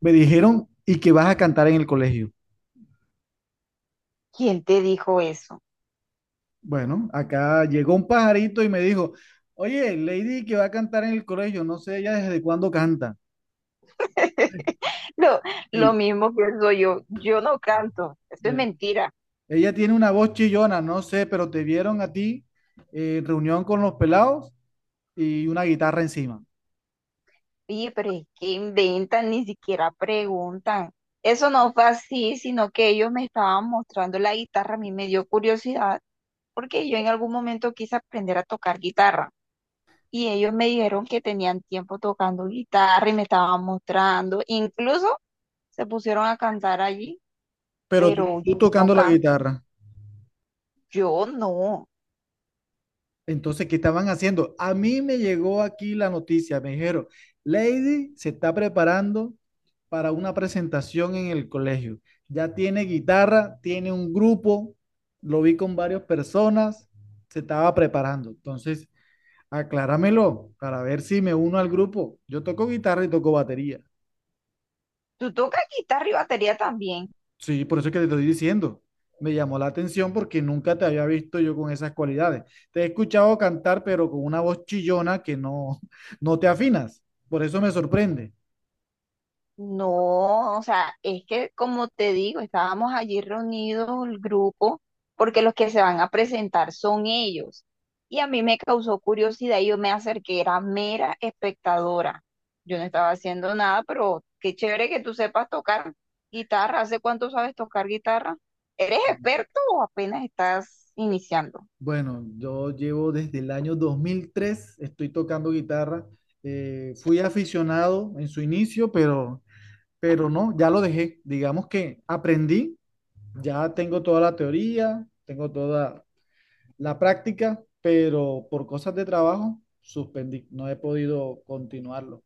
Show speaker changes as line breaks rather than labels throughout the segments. Me dijeron, ¿y que vas a cantar en el colegio?
¿Quién te dijo eso?
Bueno, acá llegó un pajarito y me dijo, oye, Lady que va a cantar en el colegio, no sé ella desde cuándo canta.
Lo, lo
Sí,
mismo pienso yo, no canto, eso es
sí.
mentira.
Ella tiene una voz chillona, no sé, pero te vieron a ti reunión con los pelados y una guitarra encima,
Oye, pero es que inventan, ni siquiera preguntan. Eso no fue así, sino que ellos me estaban mostrando la guitarra, a mí me dio curiosidad, porque yo en algún momento quise aprender a tocar guitarra. Y ellos me dijeron que tenían tiempo tocando guitarra y me estaban mostrando. Incluso se pusieron a cantar allí,
pero tú,
pero
tú
yo no
tocando la
canto,
guitarra.
yo no.
Entonces, ¿qué estaban haciendo? A mí me llegó aquí la noticia, me dijeron, Lady se está preparando para una presentación en el colegio. Ya tiene guitarra, tiene un grupo, lo vi con varias personas, se estaba preparando. Entonces, acláramelo para ver si me uno al grupo. Yo toco guitarra y toco batería.
Tú tocas guitarra y batería también.
Sí, por eso es que te estoy diciendo. Me llamó la atención porque nunca te había visto yo con esas cualidades. Te he escuchado cantar, pero con una voz chillona que no, no te afinas. Por eso me sorprende.
No, o sea, es que como te digo, estábamos allí reunidos el grupo porque los que se van a presentar son ellos. Y a mí me causó curiosidad y yo me acerqué, era mera espectadora. Yo no estaba haciendo nada, pero qué chévere que tú sepas tocar guitarra. ¿Hace cuánto sabes tocar guitarra? ¿Eres experto o apenas estás iniciando?
Bueno, yo llevo desde el año 2003. Estoy tocando guitarra. Fui aficionado en su inicio, pero no, ya lo dejé. Digamos que aprendí, ya tengo toda la teoría, tengo toda, la práctica, pero por cosas de trabajo suspendí, no he podido continuarlo.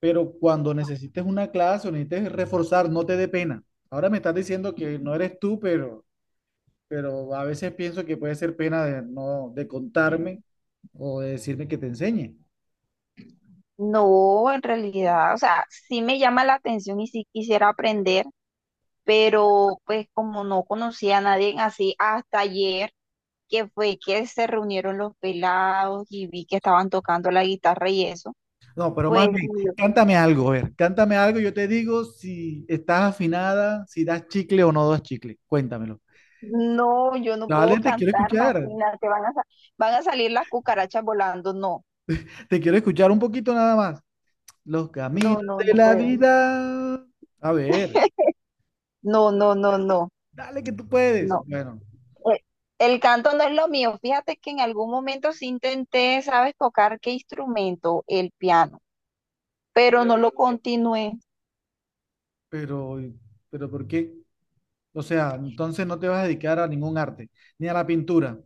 Pero cuando necesites una clase o necesites reforzar, no te dé pena. Ahora me estás diciendo que no eres tú, pero a veces pienso que puede ser pena de no de contarme o de decirme que te enseñe.
No, en realidad, o sea, sí me llama la atención y sí quisiera aprender, pero pues como no conocía a nadie así hasta ayer, que fue que se reunieron los pelados y vi que estaban tocando la guitarra y eso,
No, pero
pues
más bien,
yo,
cántame algo, a ver, cántame algo, yo te digo si estás afinada, si das chicle o no das chicle. Cuéntamelo.
no, yo no puedo
Dale,
cantar, imagínate, van a salir las cucarachas volando, no,
te quiero escuchar un poquito nada más. Los
no,
caminos
no,
de
no
la
puedo,
vida. A ver,
no, no, no, no,
dale que tú puedes.
no.
Bueno,
Eh, El canto no es lo mío. Fíjate que en algún momento sí intenté, ¿sabes? Tocar qué instrumento, el piano, pero no lo continué.
pero, pero ¿por qué? O sea, entonces no te vas a dedicar a ningún arte, ni a la pintura.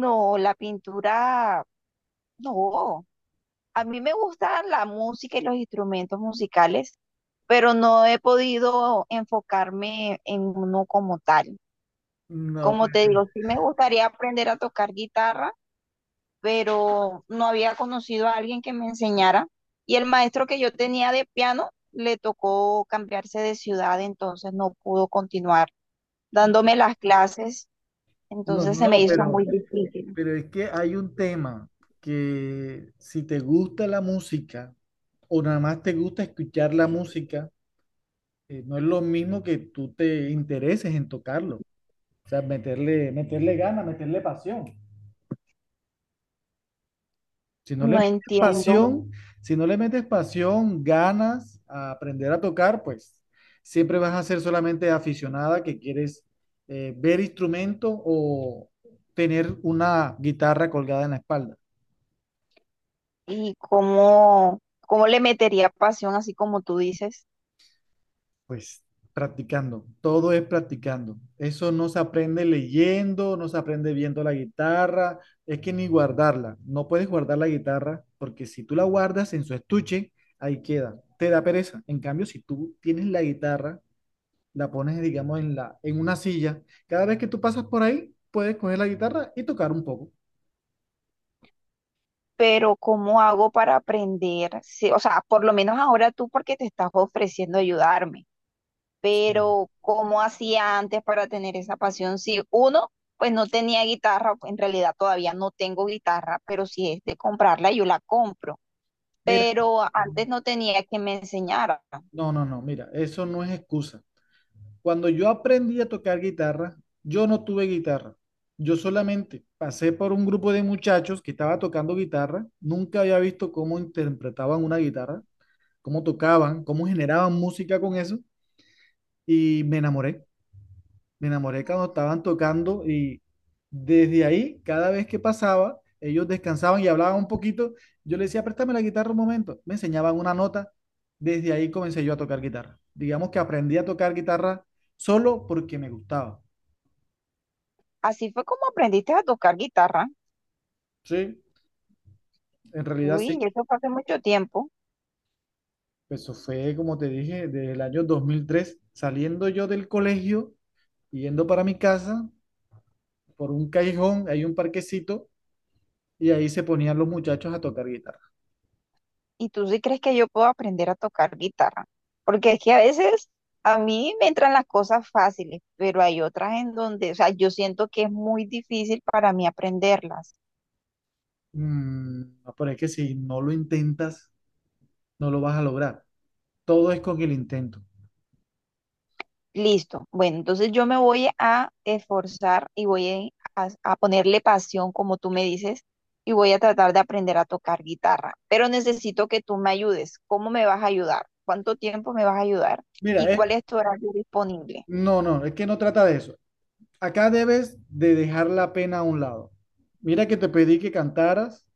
No, la pintura. No, a mí me gusta la música y los instrumentos musicales, pero no he podido enfocarme en uno como tal.
No,
Como
pues,
te digo, sí me gustaría aprender a tocar guitarra, pero no había conocido a alguien que me enseñara. Y el maestro que yo tenía de piano le tocó cambiarse de ciudad, entonces no pudo continuar dándome las clases,
no,
entonces
no,
se me
no,
hizo
pero,
muy difícil.
pero es que hay un tema que si te gusta la música o nada más te gusta escuchar la música, no es lo mismo que tú te intereses en tocarlo. O sea, meterle ganas, meterle pasión. Si no le
No
metes
entiendo.
pasión, si no le metes pasión, ganas a aprender a tocar, pues siempre vas a ser solamente aficionada que quieres ver instrumento o tener una guitarra colgada en la espalda.
y cómo, ¿Cómo le metería pasión, así como tú dices?
Pues practicando, todo es practicando. Eso no se aprende leyendo, no se aprende viendo la guitarra, es que ni guardarla. No puedes guardar la guitarra porque si tú la guardas en su estuche, ahí queda. Te da pereza. En cambio, si tú tienes la guitarra, la pones, digamos, en una silla. Cada vez que tú pasas por ahí, puedes coger la guitarra y tocar un poco.
Pero ¿cómo hago para aprender? Sí, o sea, por lo menos ahora tú porque te estás ofreciendo ayudarme,
Sí.
pero ¿cómo hacía antes para tener esa pasión, si uno, pues no tenía guitarra? En realidad todavía no tengo guitarra, pero si es de comprarla, yo la compro,
Mira,
pero antes no tenía que me enseñara.
no, no, no, mira, eso no es excusa. Cuando yo aprendí a tocar guitarra, yo no tuve guitarra. Yo solamente pasé por un grupo de muchachos que estaba tocando guitarra. Nunca había visto cómo interpretaban una guitarra, cómo tocaban, cómo generaban música con eso y me enamoré. Me enamoré cuando estaban tocando y desde ahí, cada vez que pasaba, ellos descansaban y hablaban un poquito. Yo le decía, préstame la guitarra un momento. Me enseñaban una nota. Desde ahí comencé yo a tocar guitarra. Digamos que aprendí a tocar guitarra solo porque me gustaba.
Así fue como aprendiste a tocar guitarra.
Sí, en realidad
Uy,
sí.
eso fue hace mucho tiempo.
Pues eso fue, como te dije, desde el año 2003, saliendo yo del colegio, yendo para mi casa, por un callejón, hay un parquecito, y ahí se ponían los muchachos a tocar guitarra.
¿Y tú sí crees que yo puedo aprender a tocar guitarra? Porque es que a veces a mí me entran las cosas fáciles, pero hay otras en donde, o sea, yo siento que es muy difícil para mí aprenderlas.
Mm, no, pero que si no lo intentas, no lo vas a lograr. Todo es con el intento.
Listo. Bueno, entonces yo me voy a esforzar y voy a ponerle pasión, como tú me dices, y voy a tratar de aprender a tocar guitarra. Pero necesito que tú me ayudes. ¿Cómo me vas a ayudar? ¿Cuánto tiempo me vas a ayudar? ¿Y
Mira,
cuál es tu horario disponible?
no, no, es que no trata de eso. Acá debes de dejar la pena a un lado. Mira que te pedí que cantaras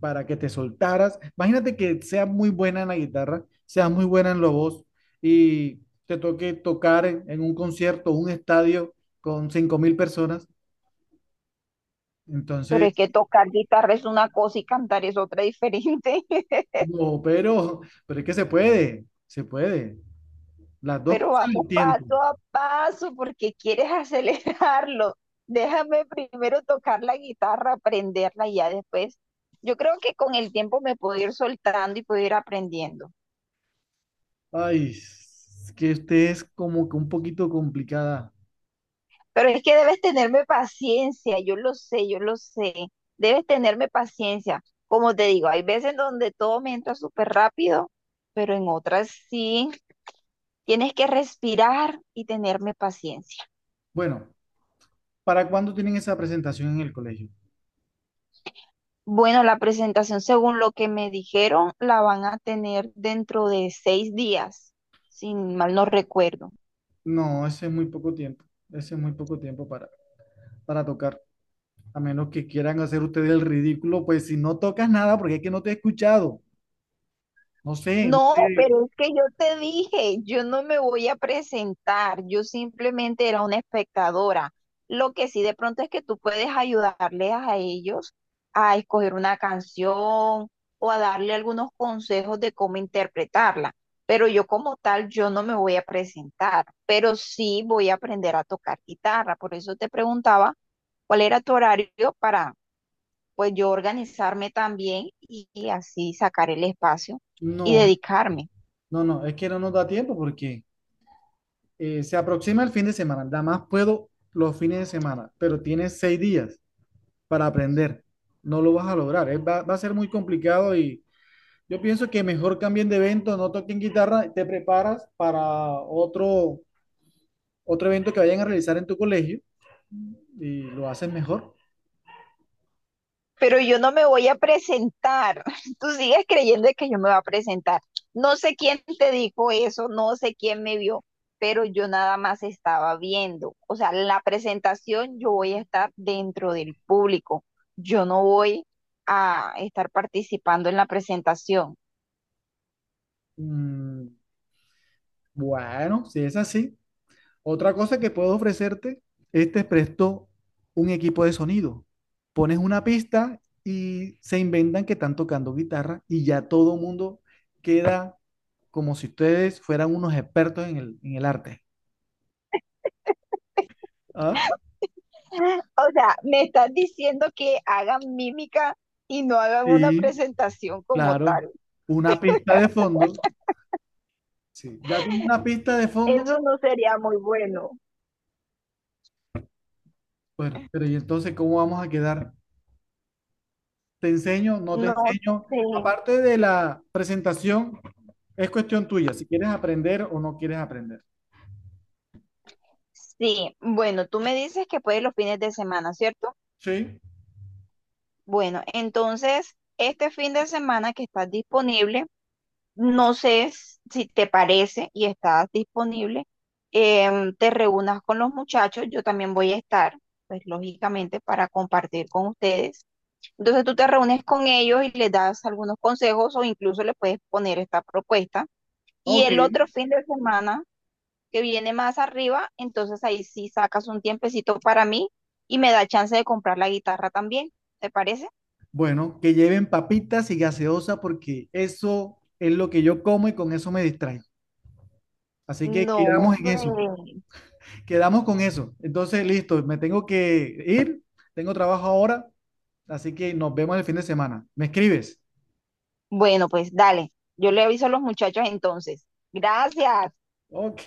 para que te soltaras. Imagínate que seas muy buena en la guitarra, seas muy buena en la voz y te toque tocar en un concierto, un estadio con 5.000 personas.
Pero
Entonces,
es que tocar guitarra es una cosa y cantar es otra diferente.
no, pero es que se puede, se puede. Las dos
Pero
cosas
vamos
al tiempo.
paso a paso porque quieres acelerarlo. Déjame primero tocar la guitarra, aprenderla y ya después. Yo creo que con el tiempo me puedo ir soltando y puedo ir aprendiendo.
Ay, es que este es como que un poquito complicada.
Pero es que debes tenerme paciencia, yo lo sé, yo lo sé. Debes tenerme paciencia. Como te digo, hay veces donde todo me entra súper rápido, pero en otras sí. Tienes que respirar y tenerme paciencia.
Bueno, ¿para cuándo tienen esa presentación en el colegio?
Bueno, la presentación, según lo que me dijeron, la van a tener dentro de 6 días, si mal no recuerdo.
No, ese es muy poco tiempo. Ese es muy poco tiempo para tocar. A menos que quieran hacer ustedes el ridículo, pues si no tocas nada, porque es que no te he escuchado. No sé, no sé.
No, pero es que yo te dije, yo no me voy a presentar, yo simplemente era una espectadora. Lo que sí de pronto es que tú puedes ayudarles a ellos a escoger una canción o a darle algunos consejos de cómo interpretarla. Pero yo como tal, yo no me voy a presentar, pero sí voy a aprender a tocar guitarra. Por eso te preguntaba cuál era tu horario para, pues yo organizarme también y así sacar el espacio y
No,
dedicarme.
no, no, es que no nos da tiempo porque se aproxima el fin de semana. Nada más puedo los fines de semana, pero tienes 6 días para aprender. No lo vas a lograr. Va a ser muy complicado y yo pienso que mejor cambien de evento, no toquen guitarra, te preparas para otro evento que vayan a realizar en tu colegio y lo hacen mejor.
Pero yo no me voy a presentar. Tú sigues creyendo que yo me voy a presentar. No sé quién te dijo eso, no sé quién me vio, pero yo nada más estaba viendo. O sea, la presentación yo voy a estar dentro del público. Yo no voy a estar participando en la presentación.
Mm, bueno, si es así. Otra cosa que puedo ofrecerte es te presto un equipo de sonido. Pones una pista y se inventan que están tocando guitarra y ya todo el mundo queda como si ustedes fueran unos expertos en el arte. ¿Ah?
O sea, me estás diciendo que hagan mímica y no hagan una
Sí,
presentación como
claro.
tal.
Una pista de fondo. Sí, ya con una pista de fondo,
Eso no sería muy bueno.
bueno, ¿pero y entonces cómo vamos a quedar? ¿Te enseño? ¿No te
No
enseño?
sé.
Aparte de la presentación, es cuestión tuya, si quieres aprender o no quieres aprender.
Sí, bueno, tú me dices que puedes los fines de semana, ¿cierto?
Sí.
Bueno, entonces, este fin de semana que estás disponible, si te parece y estás disponible, te reúnas con los muchachos, yo también voy a estar, pues lógicamente, para compartir con ustedes. Entonces tú te reúnes con ellos y les das algunos consejos o incluso le puedes poner esta propuesta. Y
Ok,
el otro fin de semana que viene más arriba, entonces ahí sí sacas un tiempecito para mí y me da chance de comprar la guitarra también. ¿Te parece?
bueno, que lleven papitas y gaseosa porque eso es lo que yo como y con eso me distraigo. Así que
No,
quedamos en eso,
hombre.
quedamos con eso. Entonces, listo, me tengo que ir, tengo trabajo ahora, así que nos vemos el fin de semana. ¿Me escribes?
Bueno, pues dale. Yo le aviso a los muchachos entonces. Gracias.
Ok.